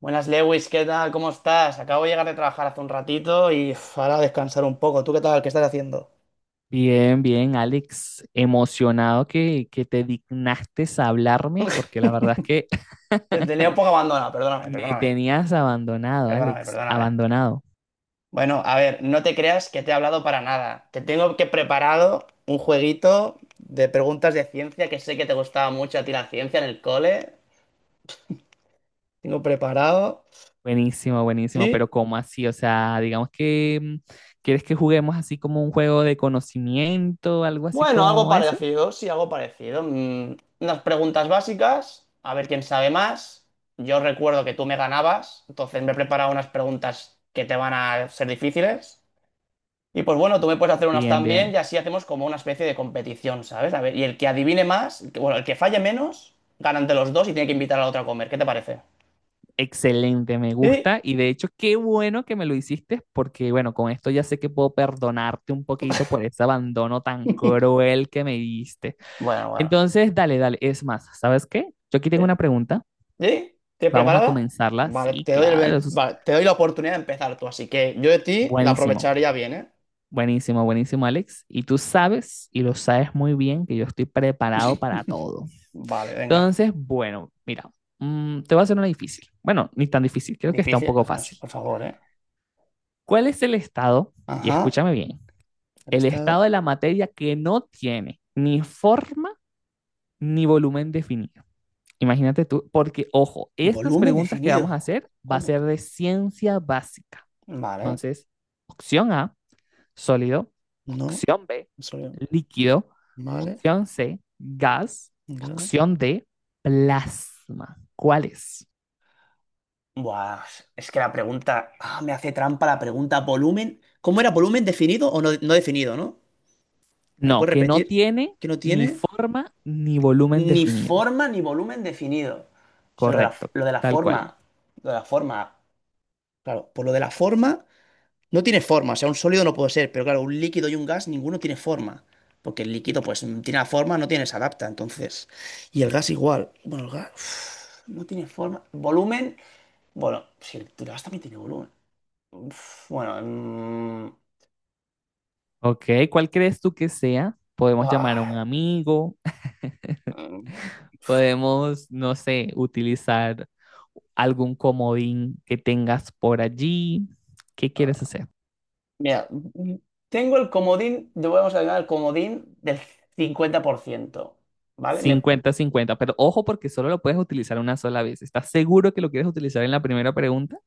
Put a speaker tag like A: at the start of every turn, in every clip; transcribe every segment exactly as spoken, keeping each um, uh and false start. A: Buenas, Lewis, ¿qué tal? ¿Cómo estás? Acabo de llegar de trabajar hace un ratito y uf, ahora a descansar un poco. ¿Tú qué tal? ¿Qué estás haciendo?
B: Bien, bien, Alex, emocionado que, que te dignaste a hablarme, porque la verdad es que
A: Te tenía un poco abandonado, perdóname,
B: me
A: perdóname,
B: tenías abandonado,
A: perdóname,
B: Alex,
A: perdóname.
B: abandonado.
A: Bueno, a ver, no te creas que te he hablado para nada. Te tengo que preparado un jueguito de preguntas de ciencia que sé que te gustaba mucho a ti la ciencia en el cole. Tengo preparado.
B: Buenísimo, buenísimo, pero
A: Sí.
B: ¿cómo así? O sea, digamos que mm, ¿quieres que juguemos así como un juego de conocimiento, algo así
A: Bueno, algo
B: como eso?
A: parecido, sí, algo parecido. Mm, unas preguntas básicas, a ver quién sabe más. Yo recuerdo que tú me ganabas, entonces me he preparado unas preguntas que te van a ser difíciles. Y pues bueno, tú me puedes hacer unas
B: Bien,
A: también y
B: bien,
A: así hacemos como una especie de competición, ¿sabes? A ver, y el que adivine más, el que- bueno, el que falle menos, ganan de los dos y tiene que invitar a la otra a comer. ¿Qué te parece?
B: excelente, me
A: Sí.
B: gusta y de hecho qué bueno que me lo hiciste porque bueno, con esto ya sé que puedo perdonarte un poquito por ese abandono tan cruel que me diste.
A: Bueno, bueno.
B: Entonces, dale, dale. Es más, ¿sabes qué? Yo aquí
A: ¿Sí?
B: tengo una pregunta.
A: ¿Sí? ¿Tienes
B: Vamos a
A: preparada?
B: comenzarla.
A: Vale,
B: Sí,
A: te doy el
B: claro.
A: ben-
B: Eso es
A: vale, te doy la oportunidad de empezar tú, así que yo de ti la
B: buenísimo.
A: aprovecharía bien, ¿eh?
B: Buenísimo, buenísimo, Alex. Y tú sabes, y lo sabes muy bien, que yo estoy preparado para todo.
A: Vale, venga.
B: Entonces, bueno, mira, mm, te voy a hacer una difícil. Bueno, ni tan difícil, creo que está un
A: Difícil.
B: poco
A: No, es-
B: fácil.
A: por favor, ¿eh?
B: ¿Cuál es el estado, y
A: Ajá.
B: escúchame bien,
A: El
B: el estado
A: estado.
B: de la materia que no tiene ni forma ni volumen definido? Imagínate tú, porque ojo, estas
A: Volumen
B: preguntas que vamos a
A: definido.
B: hacer va a
A: ¿Cómo
B: ser
A: que?
B: de ciencia básica.
A: Vale.
B: Entonces, opción A, sólido,
A: No.
B: opción B,
A: Solo-
B: líquido,
A: Vale.
B: opción C, gas,
A: Gas.
B: opción D, plasma. ¿Cuál es?
A: Buah, es que la pregunta. Ah, me hace trampa la pregunta. Volumen. ¿Cómo era volumen definido o no, no definido, no? ¿Me la
B: No,
A: puedes
B: que no
A: repetir?
B: tiene
A: Que no
B: ni
A: tiene
B: forma ni volumen
A: ni
B: definido.
A: forma ni volumen definido. O sea, lo de la,
B: Correcto,
A: lo de la
B: tal cual.
A: forma. Lo de la forma. Claro, por lo de la forma. No tiene forma, o sea, un sólido no puede ser, pero claro, un líquido y un gas, ninguno tiene forma. Porque el líquido, pues, mm, tiene la forma, no tiene, se adapta, entonces. Y el gas igual. Bueno, el gas uf, no tiene forma. Volumen, bueno, si el el gas también tiene volumen. Uf, bueno, mm,
B: Ok, ¿cuál crees tú que sea? Podemos llamar a un
A: ah,
B: amigo.
A: mm,
B: Podemos, no sé, utilizar algún comodín que tengas por allí. ¿Qué quieres hacer?
A: mira, mm, tengo el comodín, de- vamos a ganar el comodín del cincuenta por ciento, ¿vale? Me.
B: Cincuenta cincuenta, pero ojo porque solo lo puedes utilizar una sola vez. ¿Estás seguro que lo quieres utilizar en la primera pregunta?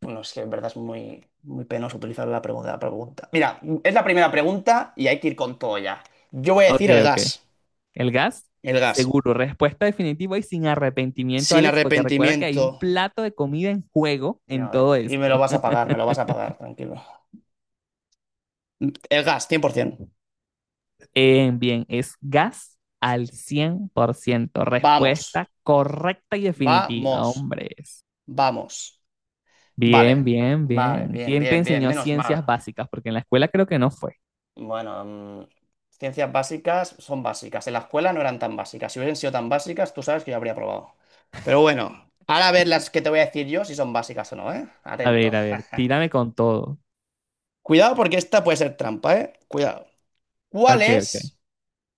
A: Bueno, es que en verdad es muy, muy penoso utilizar la pregunta, la pregunta. Mira, es la primera pregunta y hay que ir con todo ya. Yo voy a
B: Ok,
A: decir el
B: ok.
A: gas.
B: ¿El gas?
A: El gas.
B: Seguro. Respuesta definitiva y sin arrepentimiento,
A: Sin
B: Alex, porque recuerda que hay un
A: arrepentimiento.
B: plato de comida en juego en
A: No,
B: todo
A: y me
B: esto.
A: lo vas a pagar, me lo vas a pagar, tranquilo. El gas, cien por ciento.
B: Eh, bien, es gas al cien por ciento.
A: Vamos.
B: Respuesta correcta y definitiva,
A: Vamos.
B: hombres.
A: Vamos.
B: Bien,
A: Vale.
B: bien,
A: Vale,
B: bien.
A: bien,
B: ¿Quién te
A: bien, bien.
B: enseñó
A: Menos
B: ciencias
A: mal.
B: básicas? Porque en la escuela creo que no fue.
A: Bueno, mm, ciencias básicas son básicas. En la escuela no eran tan básicas. Si hubiesen sido tan básicas, tú sabes que yo habría probado. Pero bueno, ahora a ver las que te voy a decir yo si son básicas o no, ¿eh?
B: A
A: Atento.
B: ver, a ver, tírame con todo.
A: Cuidado porque esta puede ser trampa, ¿eh? Cuidado. ¿Cuál
B: Ok, ok.
A: es,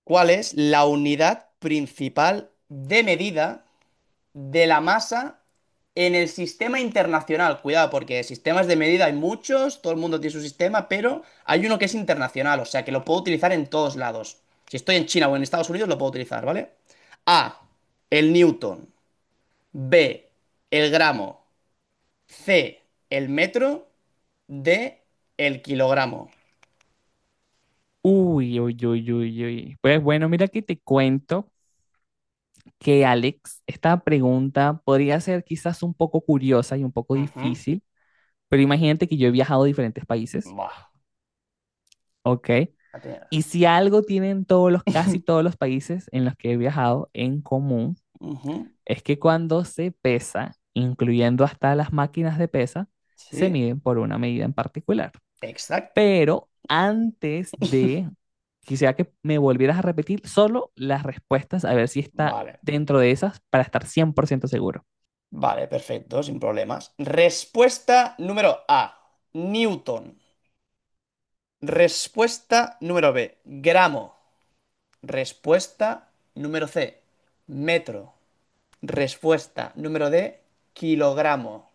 A: cuál es la unidad principal de medida de la masa en el sistema internacional? Cuidado, porque sistemas de medida hay muchos, todo el mundo tiene su sistema, pero hay uno que es internacional, o sea que lo puedo utilizar en todos lados. Si estoy en China o en Estados Unidos, lo puedo utilizar, ¿vale? A, el newton. B, el gramo. C, el metro. D, el kilogramo.
B: Uy, uy, uy, uy, uy. Pues bueno, mira que te cuento que Alex, esta pregunta podría ser quizás un poco curiosa y un poco
A: Ujú.
B: difícil, pero imagínate que yo he viajado a diferentes países,
A: Buah.
B: ¿ok?
A: La
B: Y
A: tenía.
B: si algo tienen todos los, casi todos los países en los que he viajado en común,
A: Ujú.
B: es que cuando se pesa, incluyendo hasta las máquinas de pesa, se
A: Sí,
B: miden por una medida en particular.
A: exacto.
B: Pero antes de, quisiera que me volvieras a repetir solo las respuestas, a ver si está
A: Vale.
B: dentro de esas para estar cien por ciento seguro.
A: Vale, perfecto, sin problemas. Respuesta número A, Newton. Respuesta número B, gramo. Respuesta número C, metro. Respuesta número D, kilogramo.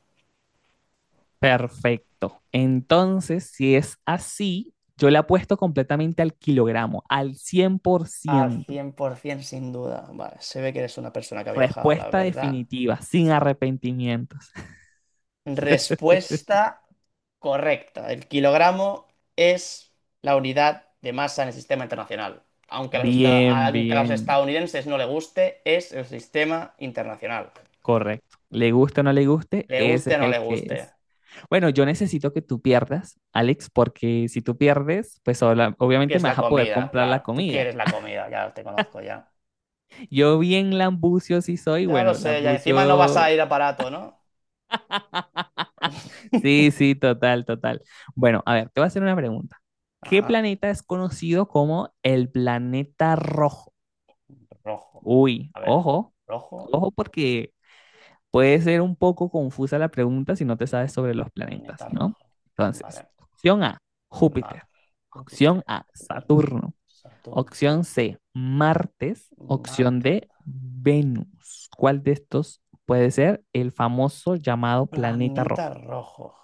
B: Perfecto. Entonces, si es así, yo le apuesto completamente al kilogramo, al cien por
A: Al
B: ciento.
A: cien por ciento sin duda. Vale, se ve que eres una persona que ha viajado, la
B: Respuesta
A: verdad.
B: definitiva, sin arrepentimientos.
A: Respuesta correcta. El kilogramo es la unidad de masa en el sistema internacional. Aunque a los, esta-
B: Bien,
A: aunque a los
B: bien.
A: estadounidenses no le guste, es el sistema internacional.
B: Correcto. Le guste o no le guste,
A: Le
B: ese es
A: guste o no
B: el
A: le
B: que
A: guste.
B: es. Bueno, yo necesito que tú pierdas, Alex, porque si tú pierdes, pues obla-
A: Tú
B: obviamente
A: quieres
B: me
A: la
B: vas a poder
A: comida,
B: comprar la
A: claro. Tú
B: comida.
A: quieres la comida, ya te conozco ya.
B: Yo bien lambucio sí soy,
A: Ya lo
B: bueno,
A: sé, ya encima no vas a
B: lambucio,
A: ir a Parato, ¿no?
B: sí, sí, total, total. Bueno, a ver, te voy a hacer una pregunta. ¿Qué
A: Ajá.
B: planeta es conocido como el planeta rojo?
A: Rojo.
B: Uy,
A: A ver.
B: ojo,
A: Rojo,
B: ojo porque puede ser un poco confusa la pregunta si no te sabes sobre los planetas,
A: planeta
B: ¿no?
A: rojo.
B: Entonces,
A: Vale.
B: opción A,
A: Vale.
B: Júpiter. Opción
A: Júpiter.
B: A,
A: Júpiter no.
B: Saturno.
A: Saturno.
B: Opción C, Martes. Opción
A: Marte,
B: D, Venus. ¿Cuál de estos puede ser el famoso llamado planeta
A: planeta
B: rojo?
A: rojo,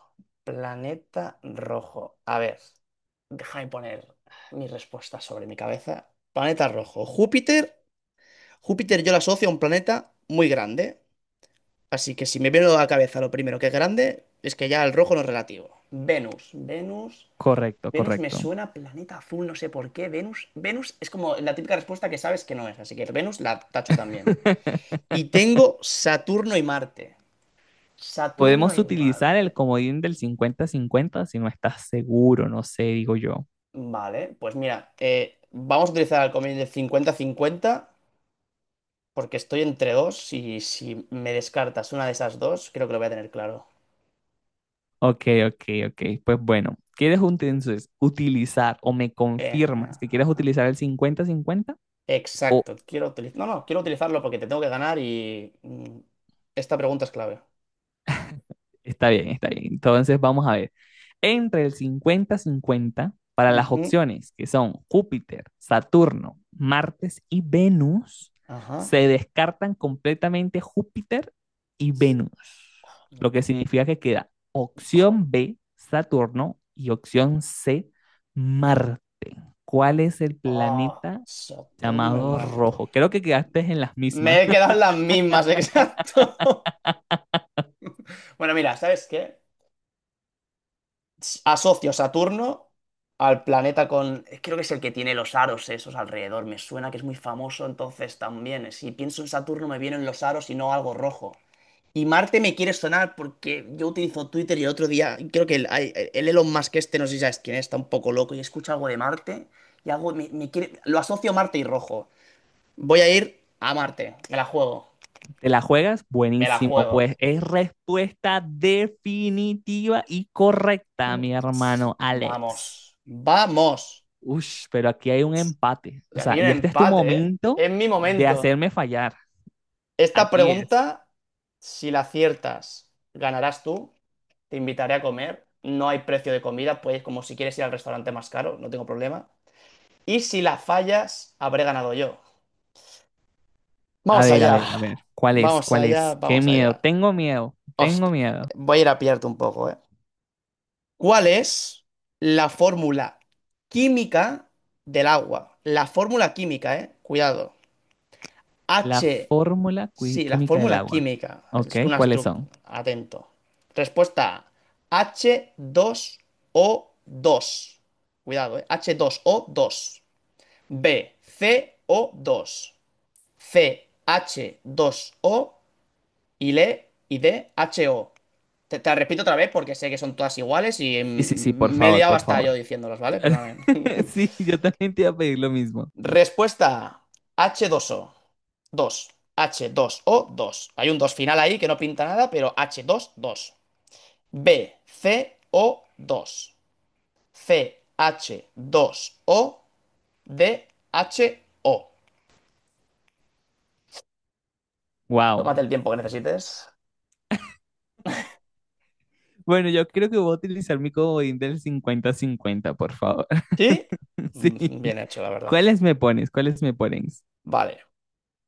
A: planeta rojo. A ver, déjame poner mi respuesta sobre mi cabeza. Planeta rojo, Júpiter. Júpiter yo la asocio a un planeta muy grande, así que si me viene a la cabeza lo primero que es grande, es que ya el rojo no es relativo. Venus, Venus,
B: Correcto,
A: Venus me
B: correcto.
A: suena a planeta azul, no sé por qué. Venus, Venus es como la típica respuesta que sabes que no es, así que Venus la tacho también. Y tengo Saturno y Marte. Saturno
B: Podemos
A: y
B: utilizar el
A: Marte.
B: comodín del cincuenta-cincuenta si no estás seguro, no sé, digo yo.
A: Vale, pues mira, eh, vamos a utilizar el convenio de cincuenta-cincuenta porque estoy entre dos y si me descartas una de esas dos, creo que lo voy a tener claro.
B: Ok, ok, ok. Pues bueno, ¿quieres un- entonces ¿utilizar o me
A: Eh,
B: confirmas
A: ajá,
B: que quieres
A: ajá.
B: utilizar el cincuenta cincuenta? O
A: Exacto, quiero utilizar. No, no, quiero utilizarlo porque te tengo que ganar y mm, esta pregunta es clave.
B: está bien, está bien. Entonces vamos a ver. Entre el cincuenta cincuenta para las
A: Ujú,
B: opciones que son Júpiter, Saturno, Martes y Venus,
A: ajá.
B: se descartan completamente Júpiter y Venus, lo que
A: No.
B: significa que queda
A: Jo-
B: opción B, Saturno, y opción C, Marte. ¿Cuál es el
A: ah,
B: planeta
A: Saturno y
B: llamado
A: Marte.
B: Rojo? Creo que quedaste en las mismas.
A: Me he quedado en las mismas, exacto. Bueno, mira, ¿sabes qué? Asocio Saturno al planeta con. Creo que es el que tiene los aros esos alrededor. Me suena que es muy famoso, entonces también. eh, Si pienso en Saturno me vienen los aros y no algo rojo. Y Marte me quiere sonar porque yo utilizo Twitter y el otro día, creo que el, hay- el Elon Musk este, no sé si sabes quién es, está un poco loco y escucha algo de Marte y algo me, me quiere. Lo asocio a Marte y rojo. Voy a ir a Marte. Me la juego.
B: ¿Te la juegas?
A: Me la
B: Buenísimo. Pues
A: juego.
B: es respuesta definitiva y correcta, mi hermano Alex.
A: Vamos. Vamos.
B: Ush, pero aquí hay un empate. O
A: Que aquí hay
B: sea,
A: un
B: y este es tu
A: empate, ¿eh?
B: momento
A: Es mi
B: de
A: momento.
B: hacerme fallar.
A: Esta
B: Aquí es.
A: pregunta, si la aciertas, ganarás tú. Te invitaré a comer. No hay precio de comida, puedes como si quieres ir al restaurante más caro, no tengo problema. Y si la fallas, habré ganado yo.
B: A
A: Vamos
B: ver, a
A: allá.
B: ver, a ver. ¿Cuál es?
A: Vamos
B: ¿Cuál
A: allá,
B: es? Qué
A: vamos
B: miedo.
A: allá.
B: Tengo miedo.
A: Os-
B: Tengo miedo.
A: Voy a ir a pillarte un poco, ¿eh? ¿Cuál es la fórmula química del agua? La fórmula química, ¿eh? Cuidado.
B: La fórmula qui-
A: Sí, la
B: química del
A: fórmula
B: agua.
A: química.
B: Ok,
A: Es una
B: ¿cuáles
A: estructura.
B: son?
A: Atento. Respuesta A, h dos o dos. Cuidado, eh h dos o dos. B, ce O dos. C, h dos o y le y D, H O. Te, te la repito otra vez porque sé que son todas iguales y
B: Sí, sí, sí, por
A: mm, me he
B: favor,
A: liado
B: por
A: hasta yo
B: favor.
A: diciéndolas, ¿vale? Perdóname.
B: Sí, yo también te iba a pedir lo mismo.
A: Respuesta H dos O, dos o dos h dos o dos. Hay un dos final ahí que no pinta nada, pero H2 dos dos. B, C, O dos. C, H, dos O. D, H, O.
B: Wow.
A: Tómate el tiempo que necesites.
B: Bueno, yo creo que voy a utilizar mi comodín del cincuenta cincuenta, por favor.
A: ¿Sí?
B: Sí.
A: Mm, Bien hecho, la verdad.
B: ¿Cuáles me pones? ¿Cuáles me pones?
A: Vale.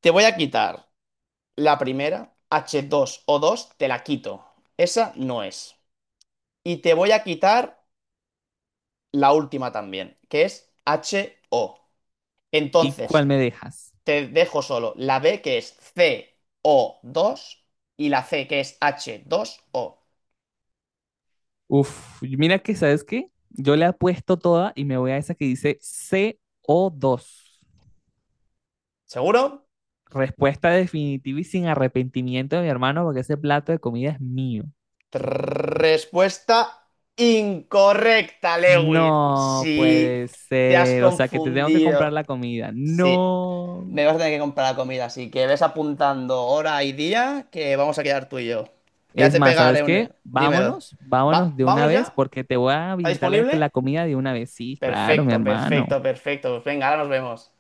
A: Te voy a quitar la primera, h dos o dos te la quito. Esa no es. Y te voy a quitar la última también, que es H O.
B: ¿Y
A: Entonces,
B: cuál me dejas?
A: te dejo solo la B que es C O dos y la C que es H dos O.
B: Uf, mira que, ¿sabes qué? Yo le apuesto toda y me voy a esa que dice C O dos.
A: ¿Seguro?
B: Respuesta definitiva y sin arrepentimiento de mi hermano, porque ese plato de comida es mío.
A: Trrr, respuesta incorrecta, Lewin.
B: No
A: Sí,
B: puede
A: te has
B: ser. O sea, que te tengo que comprar
A: confundido.
B: la comida.
A: Sí,
B: No.
A: me vas a tener que comprar la comida, así que ves apuntando hora y día que vamos a quedar tú y yo. Ya
B: Es
A: te
B: más, ¿sabes
A: pegaré un.
B: qué?
A: Dímelo.
B: Vámonos, vámonos
A: Va,
B: de una
A: ¿vámonos
B: vez
A: ya?
B: porque te voy a
A: ¿Está
B: pintar la,
A: disponible?
B: la comida de una vez. Sí, claro, mi
A: Perfecto,
B: hermano.
A: perfecto, perfecto. Pues venga, ahora nos vemos.